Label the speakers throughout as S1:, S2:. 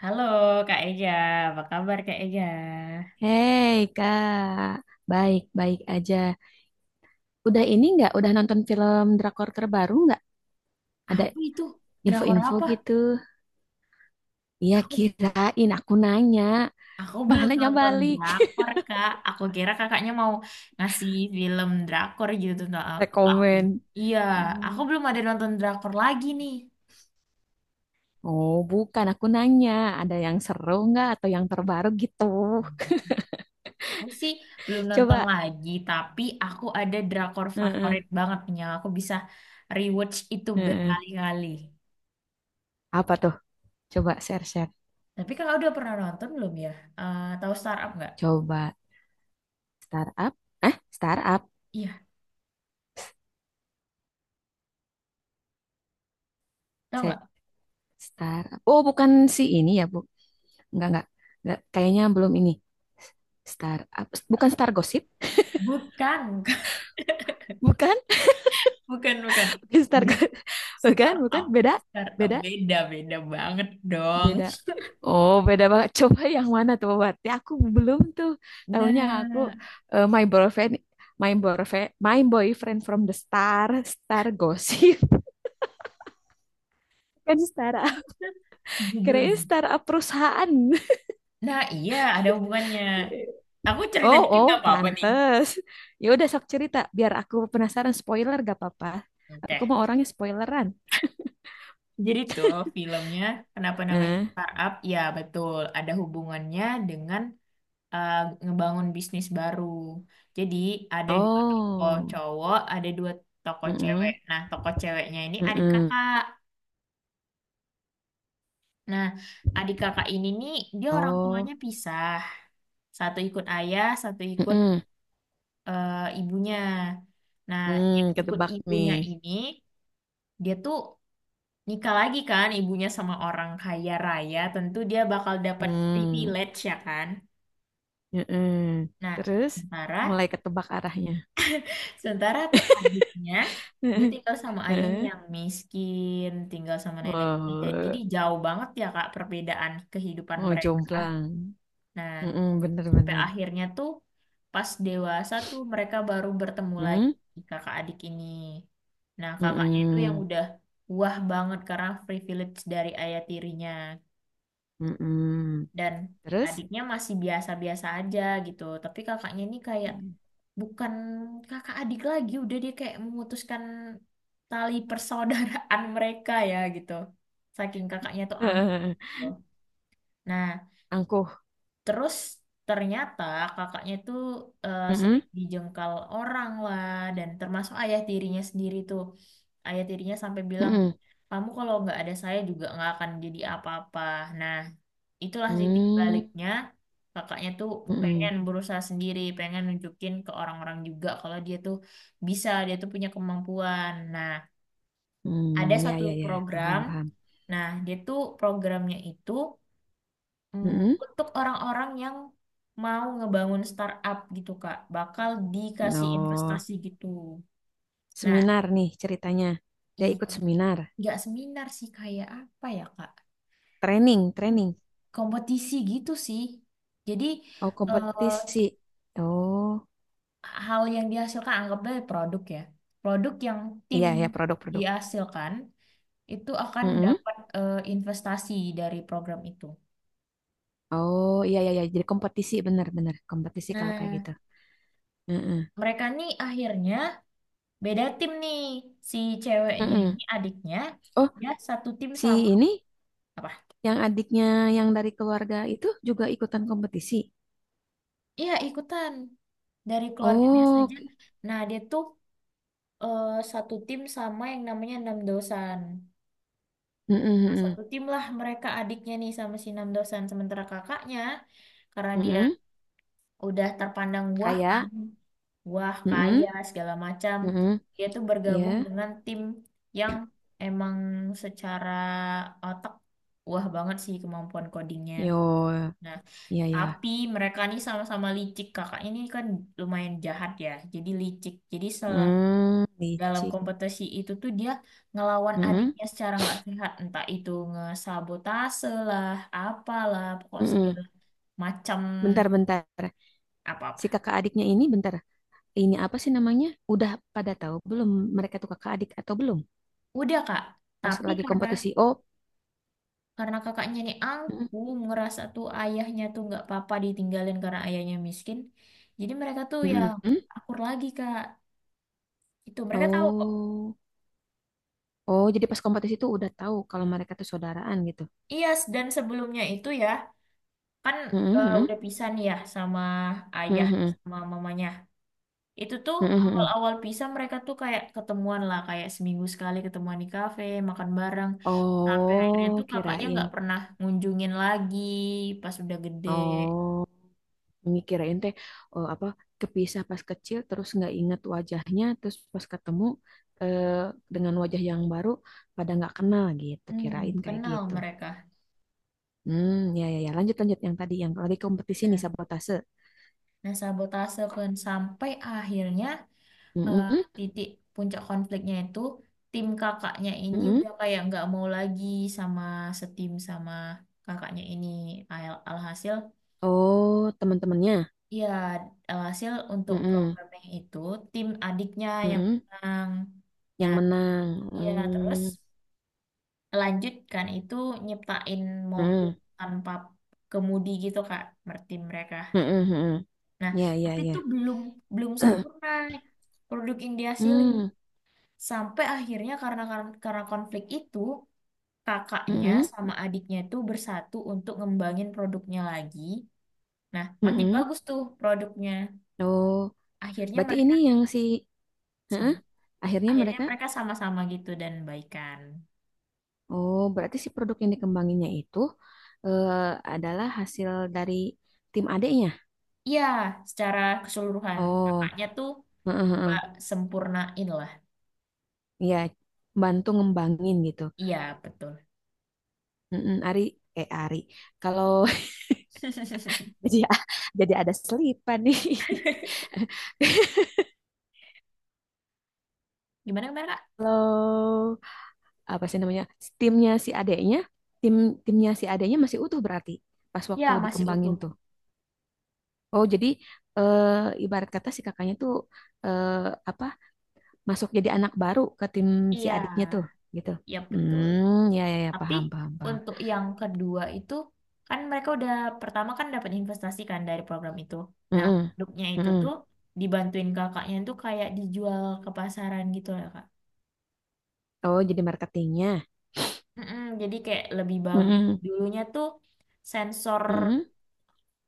S1: Halo Kak Ega, apa kabar Kak Ega?
S2: Hei Kak, baik-baik aja. Udah ini nggak? Udah nonton film drakor terbaru nggak? Ada
S1: Apa itu? Drakor
S2: info-info
S1: apa?
S2: gitu. Iya
S1: Aku
S2: kirain aku nanya.
S1: aku
S2: Malah
S1: belum
S2: nanya
S1: nonton
S2: balik.
S1: drakor Kak. Aku kira kakaknya mau ngasih film drakor gitu tentang aku.
S2: Rekomen.
S1: Iya, aku
S2: Hmm.
S1: belum ada nonton drakor lagi nih.
S2: Oh bukan, aku nanya. Ada yang seru nggak atau yang terbaru gitu.
S1: Aku sih belum nonton
S2: Coba.
S1: lagi, tapi aku ada drakor
S2: Heeh,
S1: favorit banget nih yang aku bisa rewatch itu
S2: heeh.
S1: berkali-kali.
S2: Apa tuh? Coba share-share.
S1: Tapi kakak udah pernah nonton belum ya? Eh, tahu Startup nggak?
S2: Coba startup. Ah, startup.
S1: Iya, tahu
S2: Se-
S1: nggak?
S2: Startup. Oh bukan si ini ya, Bu. Enggak, enggak. Enggak, kayaknya belum ini. Bukan Star Gossip,
S1: Bukan.
S2: bukan,
S1: Bukan, bukan.
S2: bukan
S1: Jadi
S2: Bukan, bukan,
S1: startup,
S2: beda,
S1: startup
S2: beda,
S1: beda, beda banget dong.
S2: beda. Oh, beda banget. Coba yang mana tuh berarti aku belum tuh. Tahunya aku
S1: Nah,
S2: eh, My Boyfriend My Boyfriend from the Star, Star Gossip. Kan Star.
S1: judul.
S2: Kirain Star perusahaan.
S1: Nah, iya ada hubungannya. Aku cerita
S2: Oh,
S1: dikit
S2: oh,
S1: nggak apa-apa nih.
S2: pantes. Ya udah sok cerita biar aku penasaran spoiler gak apa-apa. Aku
S1: Oke.
S2: mau orangnya spoileran.
S1: Jadi tuh filmnya kenapa namanya
S2: Heeh.
S1: startup? Ya betul, ada hubungannya dengan eh, ngebangun bisnis baru. Jadi ada dua tokoh
S2: Oh.
S1: cowok, ada dua tokoh cewek.
S2: Heeh.
S1: Nah, tokoh ceweknya ini adik
S2: Heeh.
S1: kakak. Nah, adik kakak ini nih, dia orang tuanya
S2: Oh.
S1: pisah. Satu ikut ayah, satu ikut
S2: Heeh.
S1: eh, ibunya. Nah,
S2: Hmm,
S1: yang ikut
S2: ketebak nih.
S1: ibunya ini, dia tuh nikah lagi kan, ibunya sama orang kaya raya. Tentu dia bakal dapat
S2: Hmm.
S1: privilege ya kan.
S2: Heeh.
S1: Nah,
S2: Terus
S1: sementara,
S2: mulai ketebak arahnya.
S1: sementara tuh adiknya, dia tinggal sama ayahnya
S2: Heeh.
S1: yang miskin, tinggal sama neneknya. Jadi
S2: Oh,
S1: jauh banget ya Kak, perbedaan kehidupan
S2: oh
S1: mereka.
S2: jomplang.
S1: Nah,
S2: Heeh,
S1: sampai
S2: bener-bener.
S1: akhirnya tuh pas dewasa tuh mereka baru bertemu lagi
S2: Heeh.
S1: kakak adik ini. Nah, kakaknya itu yang
S2: Heeh.
S1: udah wah banget karena privilege dari ayah tirinya
S2: Heeh.
S1: dan
S2: Terus?
S1: adiknya masih biasa-biasa aja gitu. Tapi kakaknya ini kayak bukan kakak adik lagi, udah dia kayak memutuskan tali persaudaraan mereka ya gitu. Saking kakaknya tuh
S2: Heeh.
S1: angkuh. Nah,
S2: Angkuh.
S1: terus ternyata kakaknya itu
S2: Heeh.
S1: sering dijengkal orang lah dan termasuk ayah tirinya sendiri tuh. Ayah tirinya sampai bilang,
S2: Heeh.
S1: kamu kalau nggak ada saya juga nggak akan jadi apa-apa. Nah, itulah titik
S2: Hmm.
S1: baliknya. Kakaknya tuh
S2: Heeh.
S1: pengen berusaha sendiri, pengen nunjukin ke orang-orang juga kalau dia tuh bisa, dia tuh punya kemampuan. Nah, ada
S2: Hmm, ya
S1: satu
S2: ya ya,
S1: program.
S2: paham paham.
S1: Nah, dia tuh programnya itu Hmm.
S2: Heeh.
S1: Untuk orang-orang yang mau ngebangun startup gitu Kak, bakal dikasih
S2: No.
S1: investasi gitu. Nah,
S2: Seminar nih ceritanya. Dia
S1: iya,
S2: ikut seminar,
S1: nggak seminar sih kayak apa ya Kak?
S2: training, training.
S1: Kompetisi gitu sih. Jadi
S2: Oh,
S1: eh,
S2: kompetisi. Oh,
S1: hal yang dihasilkan anggaplah produk ya. Produk yang tim
S2: iya ya produk-produk.
S1: dihasilkan itu akan
S2: Mm-mm.
S1: dapat investasi dari program itu.
S2: Oh, iya iya iya jadi kompetisi benar-benar kompetisi kalau kayak
S1: Nah,
S2: gitu. Mm-mm.
S1: mereka nih akhirnya beda tim nih. Si ceweknya
S2: Mm-mm.
S1: ini adiknya,
S2: Oh,
S1: ya satu tim
S2: si
S1: sama
S2: ini
S1: apa?
S2: yang adiknya yang dari keluarga itu juga ikutan kompetisi.
S1: Iya, ikutan. Dari keluarga biasa
S2: Oh,
S1: aja.
S2: oke.
S1: Nah, dia tuh satu tim sama yang namanya Enam Dosan.
S2: Mm-mm,
S1: Nah,
S2: mm-mm,
S1: satu tim lah mereka adiknya nih sama si Enam Dosan. Sementara kakaknya, karena dia
S2: mm-mm.
S1: udah terpandang wah kan,
S2: Kayak,
S1: wah
S2: mm-mm,
S1: kaya segala macam,
S2: mm-mm.
S1: dia tuh bergabung
S2: Ya,
S1: dengan tim yang emang secara otak wah banget sih kemampuan codingnya.
S2: yo,
S1: Nah,
S2: iya ya.
S1: tapi mereka nih sama-sama licik. Kakak ini kan lumayan jahat ya. Jadi licik. Jadi
S2: Hmm,
S1: dalam
S2: licik.
S1: kompetisi itu tuh dia ngelawan
S2: Mm-mm,
S1: adiknya secara nggak sehat. Entah itu ngesabotase lah, apalah, pokok
S2: mm-mm.
S1: segala macam
S2: Bentar, bentar. Si
S1: apa-apa.
S2: kakak adiknya ini bentar, ini apa sih namanya? Udah pada tahu belum mereka tuh kakak adik atau belum?
S1: Udah Kak.
S2: Pas
S1: Tapi
S2: lagi
S1: karena
S2: kompetisi. Oh,
S1: karena kakaknya nih
S2: mm,
S1: aku ngerasa tuh ayahnya tuh nggak apa-apa ditinggalin karena ayahnya miskin. Jadi mereka tuh ya
S2: mm, mm.
S1: akur lagi Kak. Itu mereka tahu kok.
S2: Oh, oh jadi pas kompetisi itu udah tahu kalau mereka tuh saudaraan gitu.
S1: Iya, dan sebelumnya itu ya, kan
S2: Mm, mm,
S1: udah pisah nih ya sama
S2: mm,
S1: ayah
S2: mm,
S1: sama mamanya. Itu tuh
S2: mm, mm, mm.
S1: awal-awal pisah mereka tuh kayak ketemuan lah, kayak seminggu sekali ketemuan di kafe, makan bareng. Sampai akhirnya tuh
S2: Oh,
S1: kakaknya nggak
S2: kirain.
S1: pernah ngunjungin lagi pas udah gede.
S2: Oh, ini kirain teh oh, apa kepisah pas kecil terus nggak inget wajahnya terus pas ketemu eh, dengan wajah yang baru pada nggak kenal gitu
S1: Hmm,
S2: kirain kayak
S1: kenal
S2: gitu.
S1: mereka.
S2: Hmm, ya, ya, ya. Lanjut, lanjut. Yang tadi, yang lagi kompetisi nih,
S1: Nah,
S2: sabotase.
S1: nah, sabotase kan sampai akhirnya eh,
S2: Mm-mm,
S1: titik puncak konfliknya itu tim kakaknya ini
S2: mm-mm.
S1: udah kayak nggak mau lagi sama setim sama kakaknya ini. Alhasil,
S2: Oh, teman-temannya.
S1: iya, hasil untuk
S2: Mm-mm,
S1: programnya itu tim adiknya yang
S2: mm-mm.
S1: menang.
S2: Yang
S1: Nah,
S2: menang.
S1: iya terus
S2: Mm,
S1: lanjutkan itu nyiptain mobil
S2: mm-mm,
S1: tanpa kemudi gitu Kak, tim mereka.
S2: mm-mm, mm-mm.
S1: Nah,
S2: Ya, ya,
S1: tapi
S2: ya.
S1: itu belum belum sempurna produk yang dihasilin.
S2: Hmm,
S1: Sampai akhirnya karena karena konflik itu kakaknya
S2: mm-mm,
S1: sama adiknya itu bersatu untuk ngembangin produknya lagi. Nah, makin
S2: mm-mm.
S1: bagus tuh produknya.
S2: Oh,
S1: Akhirnya
S2: berarti
S1: mereka
S2: ini yang si. Heeh.
S1: sama.
S2: Akhirnya
S1: Akhirnya
S2: mereka.
S1: mereka sama-sama gitu dan baikan.
S2: Oh, berarti si produk yang dikembanginnya itu eh, adalah hasil dari tim adeknya.
S1: Iya, secara keseluruhan
S2: Oh,
S1: kakaknya tuh
S2: heeh,
S1: coba
S2: heeh.
S1: sempurnain lah.
S2: Ya, bantu ngembangin gitu.
S1: Iya, betul.
S2: Mm-mm, Ari, eh Ari. Kalau jadi jadi ada selipan nih.
S1: Gimana gimana, Kak?
S2: Kalau apa sih namanya? Timnya si adeknya, tim timnya si adeknya masih utuh berarti pas
S1: Ya,
S2: waktu
S1: masih
S2: dikembangin
S1: utuh.
S2: tuh. Oh, jadi ibarat kata si kakaknya tuh eh, apa? Masuk jadi anak baru ke tim si
S1: Iya,
S2: adiknya tuh, gitu.
S1: ya betul.
S2: Hmm, ya ya, ya
S1: Tapi
S2: paham paham paham.
S1: untuk yang kedua itu kan mereka udah pertama kan dapat investasi kan dari program itu. Nah,
S2: Mm-mm,
S1: produknya itu
S2: mm-mm.
S1: tuh dibantuin kakaknya tuh kayak dijual ke pasaran gitu lah, Kak.
S2: Oh, jadi marketingnya.
S1: Mm-mm, jadi kayak lebih bagus.
S2: Mm-mm,
S1: Dulunya tuh sensor
S2: mm-mm,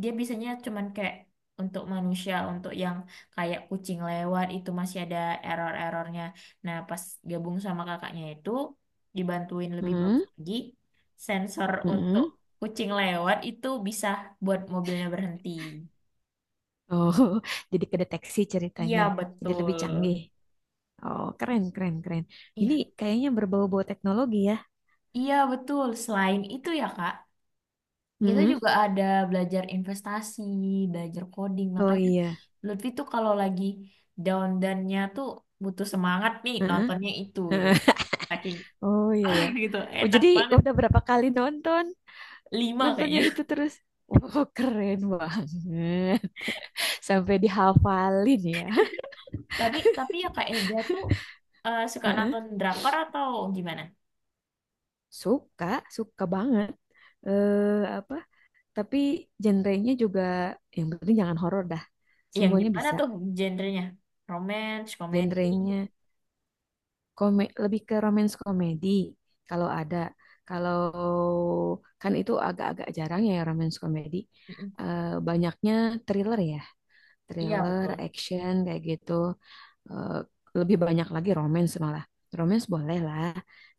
S1: dia biasanya cuman kayak untuk manusia, untuk yang kayak kucing lewat itu masih ada error-errornya. Nah, pas gabung sama kakaknya itu dibantuin lebih bagus
S2: mm-mm,
S1: lagi, sensor untuk
S2: mm-mm.
S1: kucing lewat itu bisa buat mobilnya berhenti.
S2: Oh, jadi kedeteksi
S1: Iya,
S2: ceritanya. Jadi
S1: betul.
S2: lebih canggih. Oh, keren, keren, keren. Ini
S1: Iya,
S2: kayaknya berbau-bau teknologi ya.
S1: iya betul. Selain itu ya, Kak, kita
S2: Mm-mm.
S1: juga ada belajar investasi, belajar coding.
S2: Oh
S1: Makanya
S2: iya.
S1: Lutfi tuh kalau lagi down-downnya tuh butuh semangat nih
S2: Heeh,
S1: nontonnya itu gitu.
S2: heeh.
S1: Saking
S2: Oh iya ya.
S1: gitu,
S2: Oh
S1: enak
S2: jadi
S1: banget.
S2: udah berapa kali nonton?
S1: Lima
S2: Nontonnya
S1: kayaknya.
S2: itu terus. Oh keren banget. Sampai dihafalin ya.
S1: Tapi ya Kak Ega tuh suka
S2: Heeh.
S1: nonton drakor atau gimana?
S2: Suka, suka banget. Eh apa? Tapi genrenya juga yang penting jangan horor dah.
S1: Yang
S2: Semuanya
S1: gimana
S2: bisa.
S1: tuh genrenya? Romance, komedi?
S2: Genrenya lebih ke romance komedi kalau ada. Kalau kan itu agak-agak jarang ya romance komedi.
S1: Mm-mm.
S2: Eh, banyaknya thriller ya,
S1: Iya
S2: thriller,
S1: betul.
S2: action kayak gitu. Eh, lebih banyak lagi romance malah. Romance boleh lah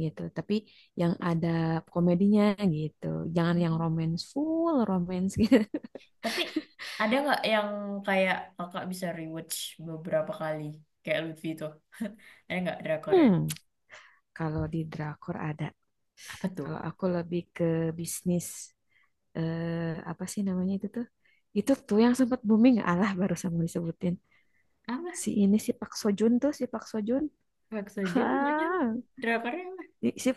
S2: gitu, tapi yang ada komedinya gitu. Jangan yang romance full romance gitu.
S1: Tapi ada nggak yang kayak kakak bisa rewatch beberapa kali? Kayak Lutfi tuh. Ada nggak drakornya?
S2: Hmm. Kalau di drakor ada.
S1: Apa tuh?
S2: Kalau aku lebih ke bisnis apa sih namanya itu tuh? Itu tuh yang sempat booming, alah barusan mau disebutin.
S1: Apa?
S2: Si ini si Pak Sojun tuh, si Pak Sojun.
S1: Maksudnya bilangnya
S2: Hah,
S1: drakornya apa?
S2: i- si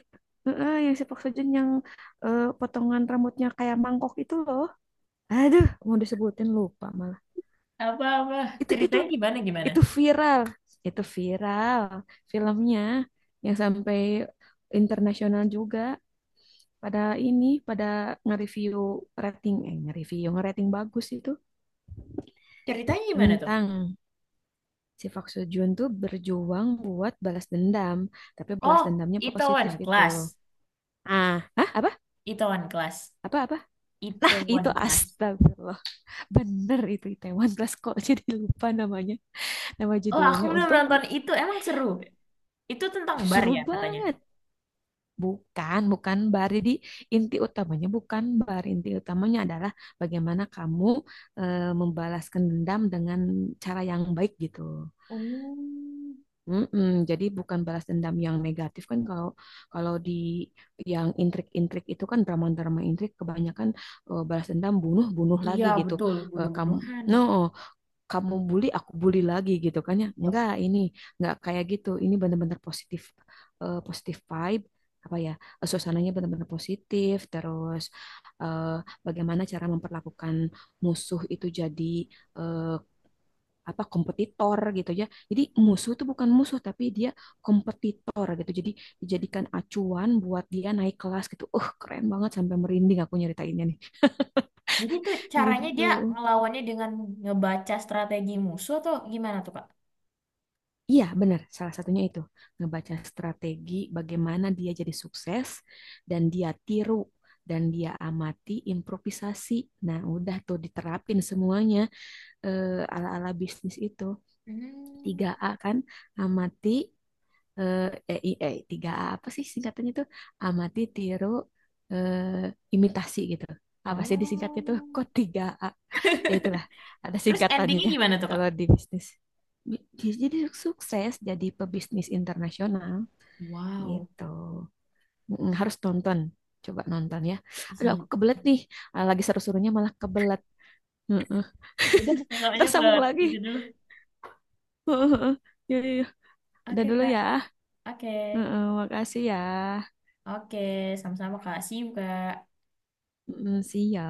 S2: heeh, yang si Pak Sojun yang potongan rambutnya kayak mangkok itu loh. Aduh, mau disebutin lupa malah.
S1: Apa-apa?
S2: Itu itu
S1: Ceritanya gimana gimana?
S2: itu viral, itu viral, filmnya yang sampai internasional juga. pada pada nge-review rating eh nge-review nge-rating bagus itu
S1: Ceritanya gimana tuh?
S2: tentang si Park Seo Joon tuh berjuang buat balas dendam tapi balas
S1: Oh,
S2: dendamnya positif
S1: Itaewon
S2: gitu.
S1: Class.
S2: Ah, hah, apa
S1: Itaewon Class.
S2: apa apa. Itu
S1: Itaewon Class.
S2: astagfirullah bener itu Itaewon Class kok. Jadi lupa namanya, nama
S1: Oh, aku
S2: judulnya
S1: belum
S2: untung.
S1: nonton itu. Emang seru. Itu tentang bar
S2: Seru
S1: ya katanya.
S2: banget. Bukan, bukan bar. Jadi inti utamanya bukan bar. Inti utamanya adalah bagaimana kamu membalaskan dendam dengan cara yang baik gitu.
S1: Oh,
S2: Mm-mm, jadi bukan balas dendam yang negatif kan kalau kalau di yang intrik-intrik itu kan drama-drama intrik kebanyakan balas dendam bunuh bunuh lagi
S1: iya
S2: gitu.
S1: betul.
S2: Kamu
S1: Bunuh-bunuhan.
S2: no kamu bully aku bully lagi gitu kan ya
S1: Ya.
S2: enggak ini enggak kayak gitu ini benar-benar positif positif vibe apa ya suasananya benar-benar positif terus eh, bagaimana cara memperlakukan musuh itu jadi eh, apa kompetitor gitu ya jadi musuh itu bukan musuh tapi dia kompetitor gitu jadi dijadikan acuan buat dia naik kelas gitu keren banget sampai merinding aku nyeritainnya nih
S1: Jadi tuh caranya
S2: gitu.
S1: dia ngelawannya dengan ngebaca strategi musuh atau gimana tuh Kak?
S2: Iya, benar. Salah satunya itu ngebaca strategi bagaimana dia jadi sukses dan dia tiru dan dia amati improvisasi. Nah, udah tuh diterapin semuanya ala-ala bisnis itu.
S1: Hmm.
S2: Tiga a kan, amati 3A apa sih singkatannya tuh? Amati, tiru, eh, imitasi gitu. Apa sih disingkatnya tuh? Kok
S1: Oh.
S2: tiga a ya itulah ada
S1: Terus
S2: singkatannya
S1: endingnya gimana tuh Kak?
S2: kalau di bisnis. Jadi sukses jadi pebisnis internasional
S1: Wow.
S2: gitu. Mm, harus nonton, coba nonton ya. Aduh,
S1: Siap.
S2: aku kebelet nih. Ah, lagi seru-serunya malah kebelet. Heeh.
S1: Udah kakaknya
S2: Ntar
S1: ke
S2: sambung
S1: itu
S2: lagi.
S1: dulu.
S2: Heeh. Ya, ya, ya. Udah
S1: Oke
S2: dulu
S1: Kak.
S2: ya.
S1: Oke.
S2: Heeh, makasih ya.
S1: Oke. Sama-sama Kak. See you Kak.
S2: Heeh, see ya.